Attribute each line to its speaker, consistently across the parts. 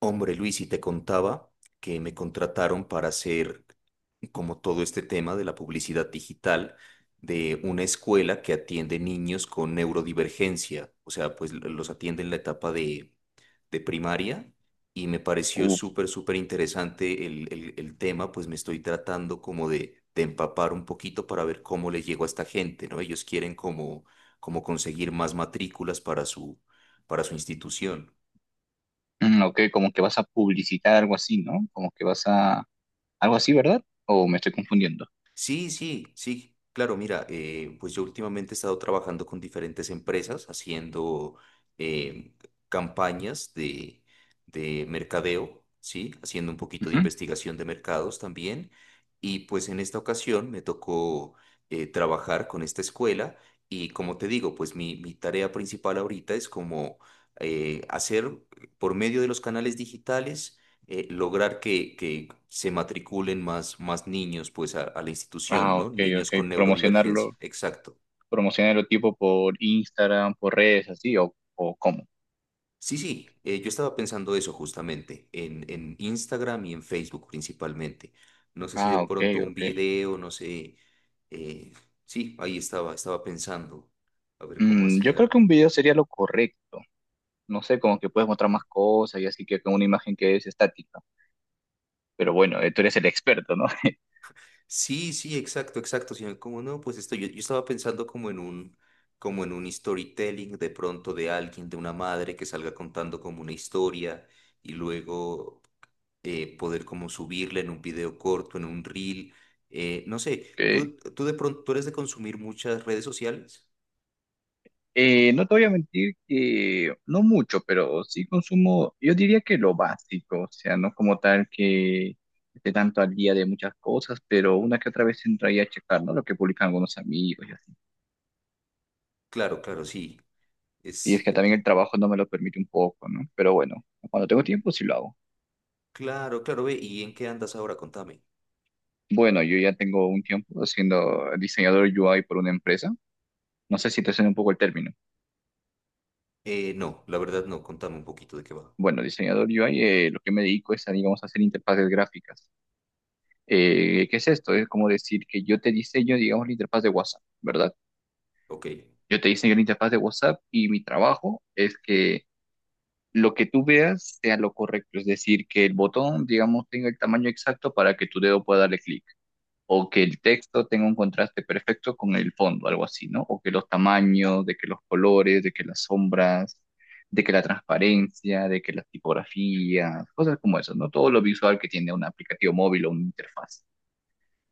Speaker 1: Hombre, Luis, y te contaba que me contrataron para hacer como todo este tema de la publicidad digital de una escuela que atiende niños con neurodivergencia. O sea, pues los atiende en la etapa de primaria y me pareció
Speaker 2: Uf,
Speaker 1: súper, súper interesante el tema, pues me estoy tratando como de empapar un poquito para ver cómo le llego a esta gente, ¿no? Ellos quieren como, como conseguir más matrículas para para su institución.
Speaker 2: ok, como que vas a publicitar algo así, ¿no? Como que vas a... Algo así, ¿verdad? ¿O me estoy confundiendo?
Speaker 1: Sí, sí, sí, claro, mira, pues yo últimamente he estado trabajando con diferentes empresas haciendo eh, campañas de mercadeo, ¿sí? Haciendo un poquito de
Speaker 2: Ujú.
Speaker 1: investigación de mercados también. Y pues en esta ocasión me tocó trabajar con esta escuela y como te digo, pues mi tarea principal ahorita es como hacer por medio de los canales digitales, lograr que se matriculen más, más niños pues a la institución,
Speaker 2: Ah,
Speaker 1: ¿no?
Speaker 2: ok,
Speaker 1: Niños
Speaker 2: ok.
Speaker 1: con neurodivergencia,
Speaker 2: Promocionarlo,
Speaker 1: exacto.
Speaker 2: promocionarlo tipo por Instagram, por redes, así, o cómo.
Speaker 1: Sí, sí, yo estaba pensando eso justamente, en Instagram y en Facebook principalmente. No sé si de
Speaker 2: Ah, ok,
Speaker 1: pronto un
Speaker 2: ok.
Speaker 1: video, no sé, eh, sí, ahí estaba, estaba pensando, a ver cómo
Speaker 2: Mm, yo
Speaker 1: hacía.
Speaker 2: creo que un video sería lo correcto. No sé, como que puedes mostrar más cosas y así que con una imagen que es estática. Pero bueno, tú eres el experto, ¿no?
Speaker 1: Sí, sí, exacto, exacto, sino como no, pues esto, yo estaba pensando como en un storytelling de pronto de alguien, de una madre que salga contando como una historia y luego, poder como subirla en un video corto, en un reel. No sé,
Speaker 2: Ok.
Speaker 1: tú de pronto, tú eres de consumir muchas redes sociales?
Speaker 2: No te voy a mentir que no mucho, pero sí consumo, yo diría que lo básico, o sea, no como tal que esté tanto al día de muchas cosas, pero una que otra vez entraría a checar, ¿no? Lo que publican algunos amigos y así.
Speaker 1: Claro, claro, sí,
Speaker 2: Y es
Speaker 1: es,
Speaker 2: que también el trabajo no me lo permite un poco, ¿no? Pero bueno, cuando tengo tiempo sí lo hago.
Speaker 1: claro, claro, ve, ¿y en qué andas ahora? Contame.
Speaker 2: Bueno, yo ya tengo un tiempo siendo diseñador UI por una empresa. No sé si te suena un poco el término.
Speaker 1: No, la verdad no, contame un poquito de qué va.
Speaker 2: Bueno, diseñador UI, lo que me dedico es a, digamos, hacer interfaces gráficas. ¿Qué es esto? Es como decir que yo te diseño, digamos, la interfaz de WhatsApp, ¿verdad?
Speaker 1: Ok.
Speaker 2: Yo te diseño la interfaz de WhatsApp y mi trabajo es que lo que tú veas sea lo correcto, es decir, que el botón, digamos, tenga el tamaño exacto para que tu dedo pueda darle clic, o que el texto tenga un contraste perfecto con el fondo, algo así, ¿no? O que los tamaños, de que los colores, de que las sombras, de que la transparencia, de que las tipografías, cosas como eso, ¿no? Todo lo visual que tiene un aplicativo móvil o una interfaz.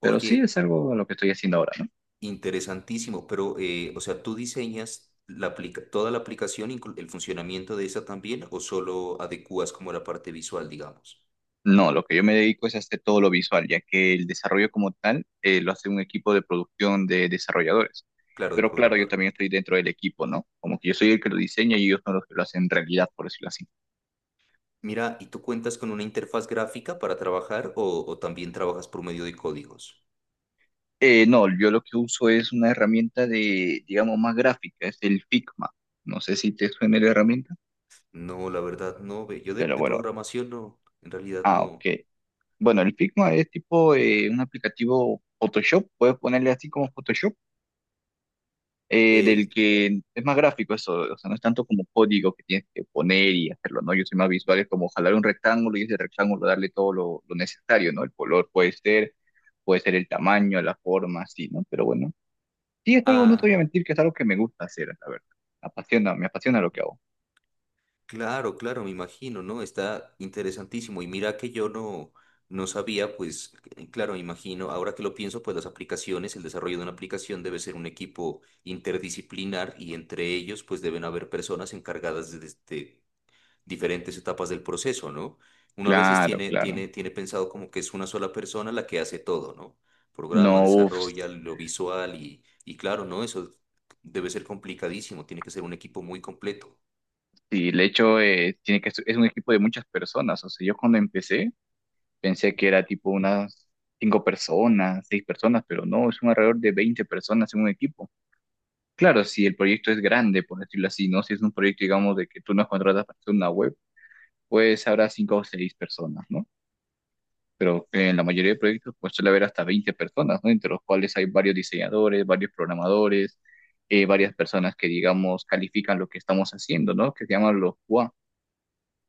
Speaker 2: Pero sí es
Speaker 1: Oye.
Speaker 2: algo a lo que estoy haciendo ahora, ¿no?
Speaker 1: Interesantísimo, pero, o sea, ¿tú diseñas la aplica- toda la aplicación, inclu- el funcionamiento de esa también, o solo adecuas como la parte visual, digamos?
Speaker 2: No, lo que yo me dedico es a hacer todo lo visual, ya que el desarrollo como tal lo hace un equipo de producción de desarrolladores.
Speaker 1: Claro, de
Speaker 2: Pero claro, yo
Speaker 1: programador.
Speaker 2: también estoy dentro del equipo, ¿no? Como que yo soy el que lo diseña y ellos son los que lo hacen realidad, por decirlo así.
Speaker 1: Mira, ¿y tú cuentas con una interfaz gráfica para trabajar o también trabajas por medio de códigos?
Speaker 2: No, yo lo que uso es una herramienta de, digamos, más gráfica, es el Figma. No sé si te suena la herramienta,
Speaker 1: No, la verdad no, ve. Yo
Speaker 2: pero
Speaker 1: de
Speaker 2: bueno,
Speaker 1: programación no, en realidad
Speaker 2: ah,
Speaker 1: no.
Speaker 2: ok. Bueno, el Figma es tipo un aplicativo Photoshop, puedes ponerle así como Photoshop del
Speaker 1: Eh,
Speaker 2: que es más gráfico eso, o sea, no es tanto como código que tienes que poner y hacerlo, ¿no? Yo soy más visual, es como jalar un rectángulo y ese rectángulo darle todo lo necesario, ¿no? El color puede ser el tamaño, la forma, así, ¿no? Pero bueno, sí es algo, no te
Speaker 1: ah.
Speaker 2: voy a mentir, que es algo que me gusta hacer, la verdad. Me apasiona lo que hago.
Speaker 1: Claro, claro, me imagino, ¿no? Está interesantísimo. Y mira que yo no, no sabía, pues, claro, me imagino, ahora que lo pienso, pues las aplicaciones, el desarrollo de una aplicación debe ser un equipo interdisciplinar y entre ellos, pues, deben haber personas encargadas de, de diferentes etapas del proceso, ¿no? Uno a veces
Speaker 2: Claro, claro.
Speaker 1: tiene pensado como que es una sola persona la que hace todo, ¿no?
Speaker 2: No,
Speaker 1: Programa,
Speaker 2: uff,
Speaker 1: desarrolla, lo visual y claro, ¿no? Eso debe ser complicadísimo, tiene que ser un equipo muy completo.
Speaker 2: sí, de hecho, tiene que, es un equipo de muchas personas, o sea, yo cuando empecé, pensé que era tipo unas cinco personas, seis personas, pero no, es un alrededor de 20 personas en un equipo. Claro, si el proyecto es grande, por decirlo así, ¿no? Si es un proyecto, digamos, de que tú nos contratas para hacer una web, pues habrá cinco o seis personas, ¿no? Pero en la mayoría de proyectos, pues suele haber hasta 20 personas, ¿no? Entre los cuales hay varios diseñadores, varios programadores, varias personas que, digamos, califican lo que estamos haciendo, ¿no? Que se llaman los QA,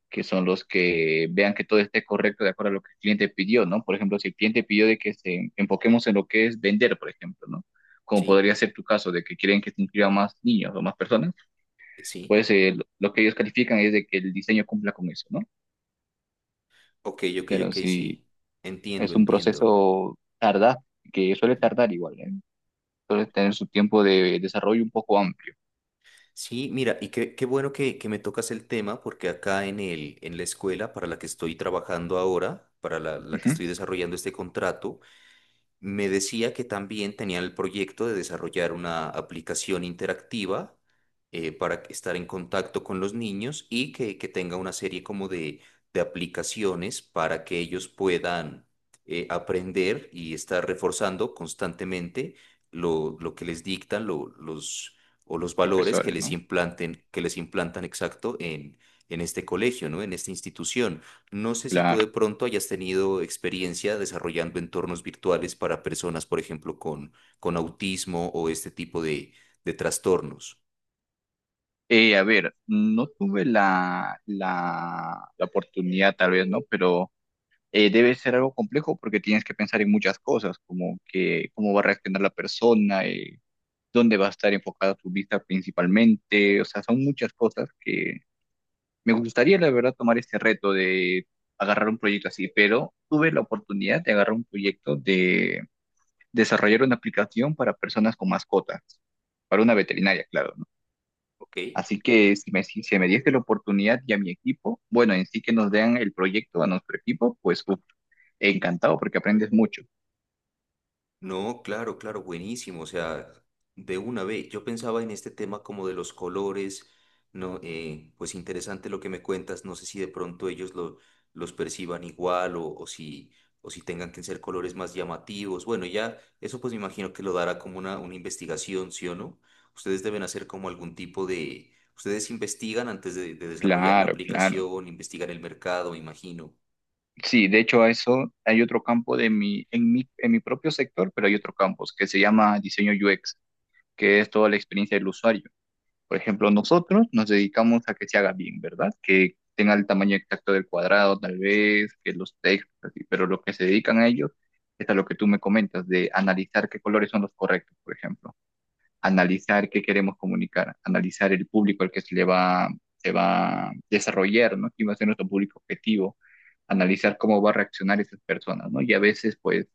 Speaker 2: que son los que vean que todo esté correcto de acuerdo a lo que el cliente pidió, ¿no? Por ejemplo, si el cliente pidió de que se enfoquemos en lo que es vender, por ejemplo, ¿no? Como
Speaker 1: Sí,
Speaker 2: podría ser tu caso, de que quieren que se inscriban más niños o más personas,
Speaker 1: sí.
Speaker 2: pues lo que ellos califican es de que el diseño cumpla con eso, ¿no?
Speaker 1: Ok, ok,
Speaker 2: Pero
Speaker 1: ok,
Speaker 2: si
Speaker 1: sí. Entiendo,
Speaker 2: es un
Speaker 1: entiendo.
Speaker 2: proceso tardaz, que suele tardar igual, ¿eh? Suele tener su tiempo de desarrollo un poco amplio.
Speaker 1: Sí, mira, y qué, qué bueno que me tocas el tema, porque acá en el, en la escuela para la que estoy trabajando ahora, para la que
Speaker 2: Ujú.
Speaker 1: estoy desarrollando este contrato, me decía que también tenían el proyecto de desarrollar una aplicación interactiva, para que- estar en contacto con los niños y que tenga una serie como de aplicaciones para que ellos puedan, aprender y estar reforzando constantemente lo que les dictan los, o los valores que
Speaker 2: Profesores,
Speaker 1: les
Speaker 2: ¿no?
Speaker 1: implanten, que les implantan exacto en este colegio, ¿no? En esta institución. No sé si tú
Speaker 2: Claro.
Speaker 1: de pronto hayas tenido experiencia desarrollando entornos virtuales para personas, por ejemplo, con autismo o este tipo de trastornos.
Speaker 2: A ver, no tuve la oportunidad, tal vez, ¿no? Pero debe ser algo complejo porque tienes que pensar en muchas cosas, como que cómo va a reaccionar la persona, dónde va a estar enfocada tu vista principalmente, o sea, son muchas cosas que me gustaría, la verdad, tomar este reto de agarrar un proyecto así, pero tuve la oportunidad de agarrar un proyecto de desarrollar una aplicación para personas con mascotas, para una veterinaria, claro.
Speaker 1: Ok.
Speaker 2: Así que si me, si se me diese la oportunidad y a mi equipo, bueno, en sí que nos den el proyecto a nuestro equipo, pues uf, encantado porque aprendes mucho.
Speaker 1: No, claro, claro, buenísimo. O sea, de una vez, yo pensaba en este tema como de los colores, no, pues interesante lo que me cuentas. No sé si de pronto los perciban igual o si tengan que ser colores más llamativos. Bueno, ya eso pues me imagino que lo dará como una investigación, ¿sí o no? Ustedes deben hacer como algún tipo de, ustedes investigan antes de desarrollar la
Speaker 2: Claro, claro.
Speaker 1: aplicación, investigan el mercado, me imagino.
Speaker 2: Sí, de hecho a eso hay otro campo de mi, en mi, en mi propio sector, pero hay otro campo que se llama diseño UX, que es toda la experiencia del usuario. Por ejemplo, nosotros nos dedicamos a que se haga bien, ¿verdad? Que tenga el tamaño exacto del cuadrado, tal vez, que los textos, así, pero lo que se dedican a ellos es a lo que tú me comentas, de analizar qué colores son los correctos, por ejemplo, analizar qué queremos comunicar, analizar el público al que se va a desarrollar, ¿no? ¿Quién va a ser nuestro público objetivo? Analizar cómo va a reaccionar esas personas, ¿no? Y a veces, pues,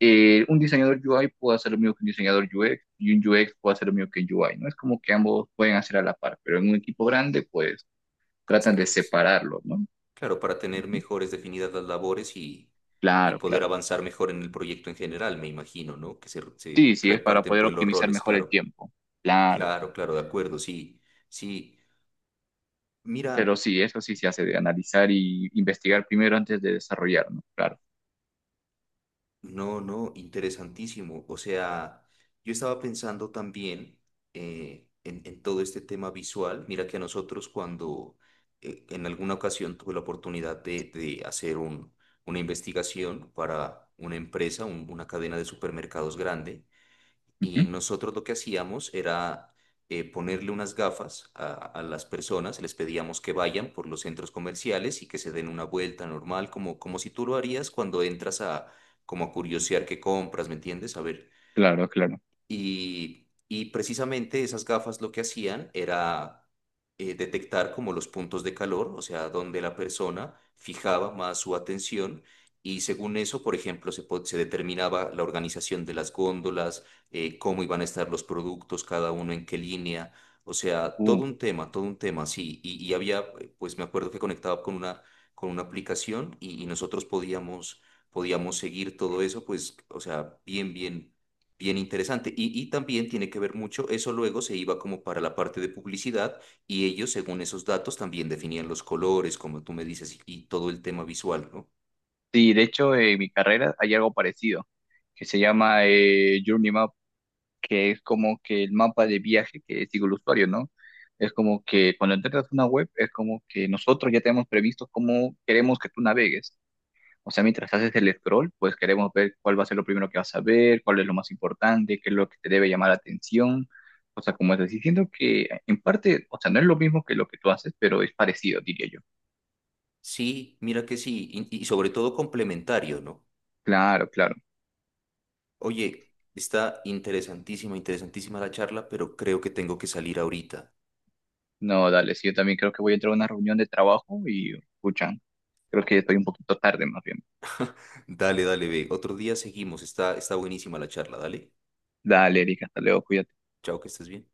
Speaker 2: un diseñador UI puede hacer lo mismo que un diseñador UX y un UX puede hacer lo mismo que un UI, ¿no? Es como que ambos pueden hacer a la par, pero en un equipo grande, pues
Speaker 1: ¿Se
Speaker 2: tratan de
Speaker 1: re-
Speaker 2: separarlo, ¿no?
Speaker 1: claro, para tener mejores definidas las labores y
Speaker 2: Claro,
Speaker 1: poder
Speaker 2: claro.
Speaker 1: avanzar mejor en el proyecto en general, me imagino, ¿no? Que se
Speaker 2: Sí, sí, es para
Speaker 1: reparten
Speaker 2: poder
Speaker 1: pues los
Speaker 2: optimizar
Speaker 1: roles,
Speaker 2: mejor el
Speaker 1: claro,
Speaker 2: tiempo. Claro.
Speaker 1: claro, claro, de acuerdo, sí, sí. Mira,
Speaker 2: Pero sí, eso sí se hace de analizar y investigar primero antes de desarrollar, ¿no? Claro.
Speaker 1: no, no, interesantísimo. O sea, yo estaba pensando también, en todo este tema visual. Mira que a nosotros cuando, en alguna ocasión tuve la oportunidad de hacer un, una investigación para una empresa, una cadena de supermercados grande. Y
Speaker 2: Ujú.
Speaker 1: nosotros lo que hacíamos era, ponerle unas gafas a las personas, les pedíamos que vayan por los centros comerciales y que se den una vuelta normal, como, como si tú lo harías cuando entras a, como a curiosear qué compras, ¿me entiendes? A ver
Speaker 2: Claro, claro.
Speaker 1: y precisamente esas gafas lo que hacían era, detectar como los puntos de calor, o sea, donde la persona fijaba más su atención. Y según eso, por ejemplo, se, se determinaba la organización de las góndolas, cómo iban a estar los productos, cada uno en qué línea. O sea,
Speaker 2: Uh,
Speaker 1: todo un tema, sí. Y había, pues me acuerdo que conectaba con una aplicación y nosotros podíamos, podíamos seguir todo eso, pues, o sea, bien, bien, bien interesante. Y también tiene que ver mucho, eso luego se iba como para la parte de publicidad y ellos, según esos datos, también definían los colores, como tú me dices, y todo el tema visual, ¿no?
Speaker 2: sí, de hecho, en mi carrera hay algo parecido que se llama Journey, que es como que el mapa de viaje que sigue el usuario, ¿no? Es como que cuando entras a una web, es como que nosotros ya tenemos previsto cómo queremos que tú navegues. O sea, mientras haces el scroll, pues queremos ver cuál va a ser lo primero que vas a ver, cuál es lo más importante, qué es lo que te debe llamar la atención. O sea, como estás diciendo que en parte, o sea, no es lo mismo que lo que tú haces, pero es parecido, diría yo.
Speaker 1: Sí, mira que sí, y sobre todo complementario, ¿no?
Speaker 2: Claro, claro.
Speaker 1: Oye, está interesantísima, interesantísima la charla, pero creo que tengo que salir ahorita.
Speaker 2: No, dale, sí, yo también creo que voy a entrar a una reunión de trabajo y, escuchan, creo que estoy un poquito tarde más bien.
Speaker 1: Dale, dale, ve. Otro día seguimos, está, está buenísima la charla, dale.
Speaker 2: Dale, Erika, hasta luego, cuídate.
Speaker 1: Chao, que estés bien.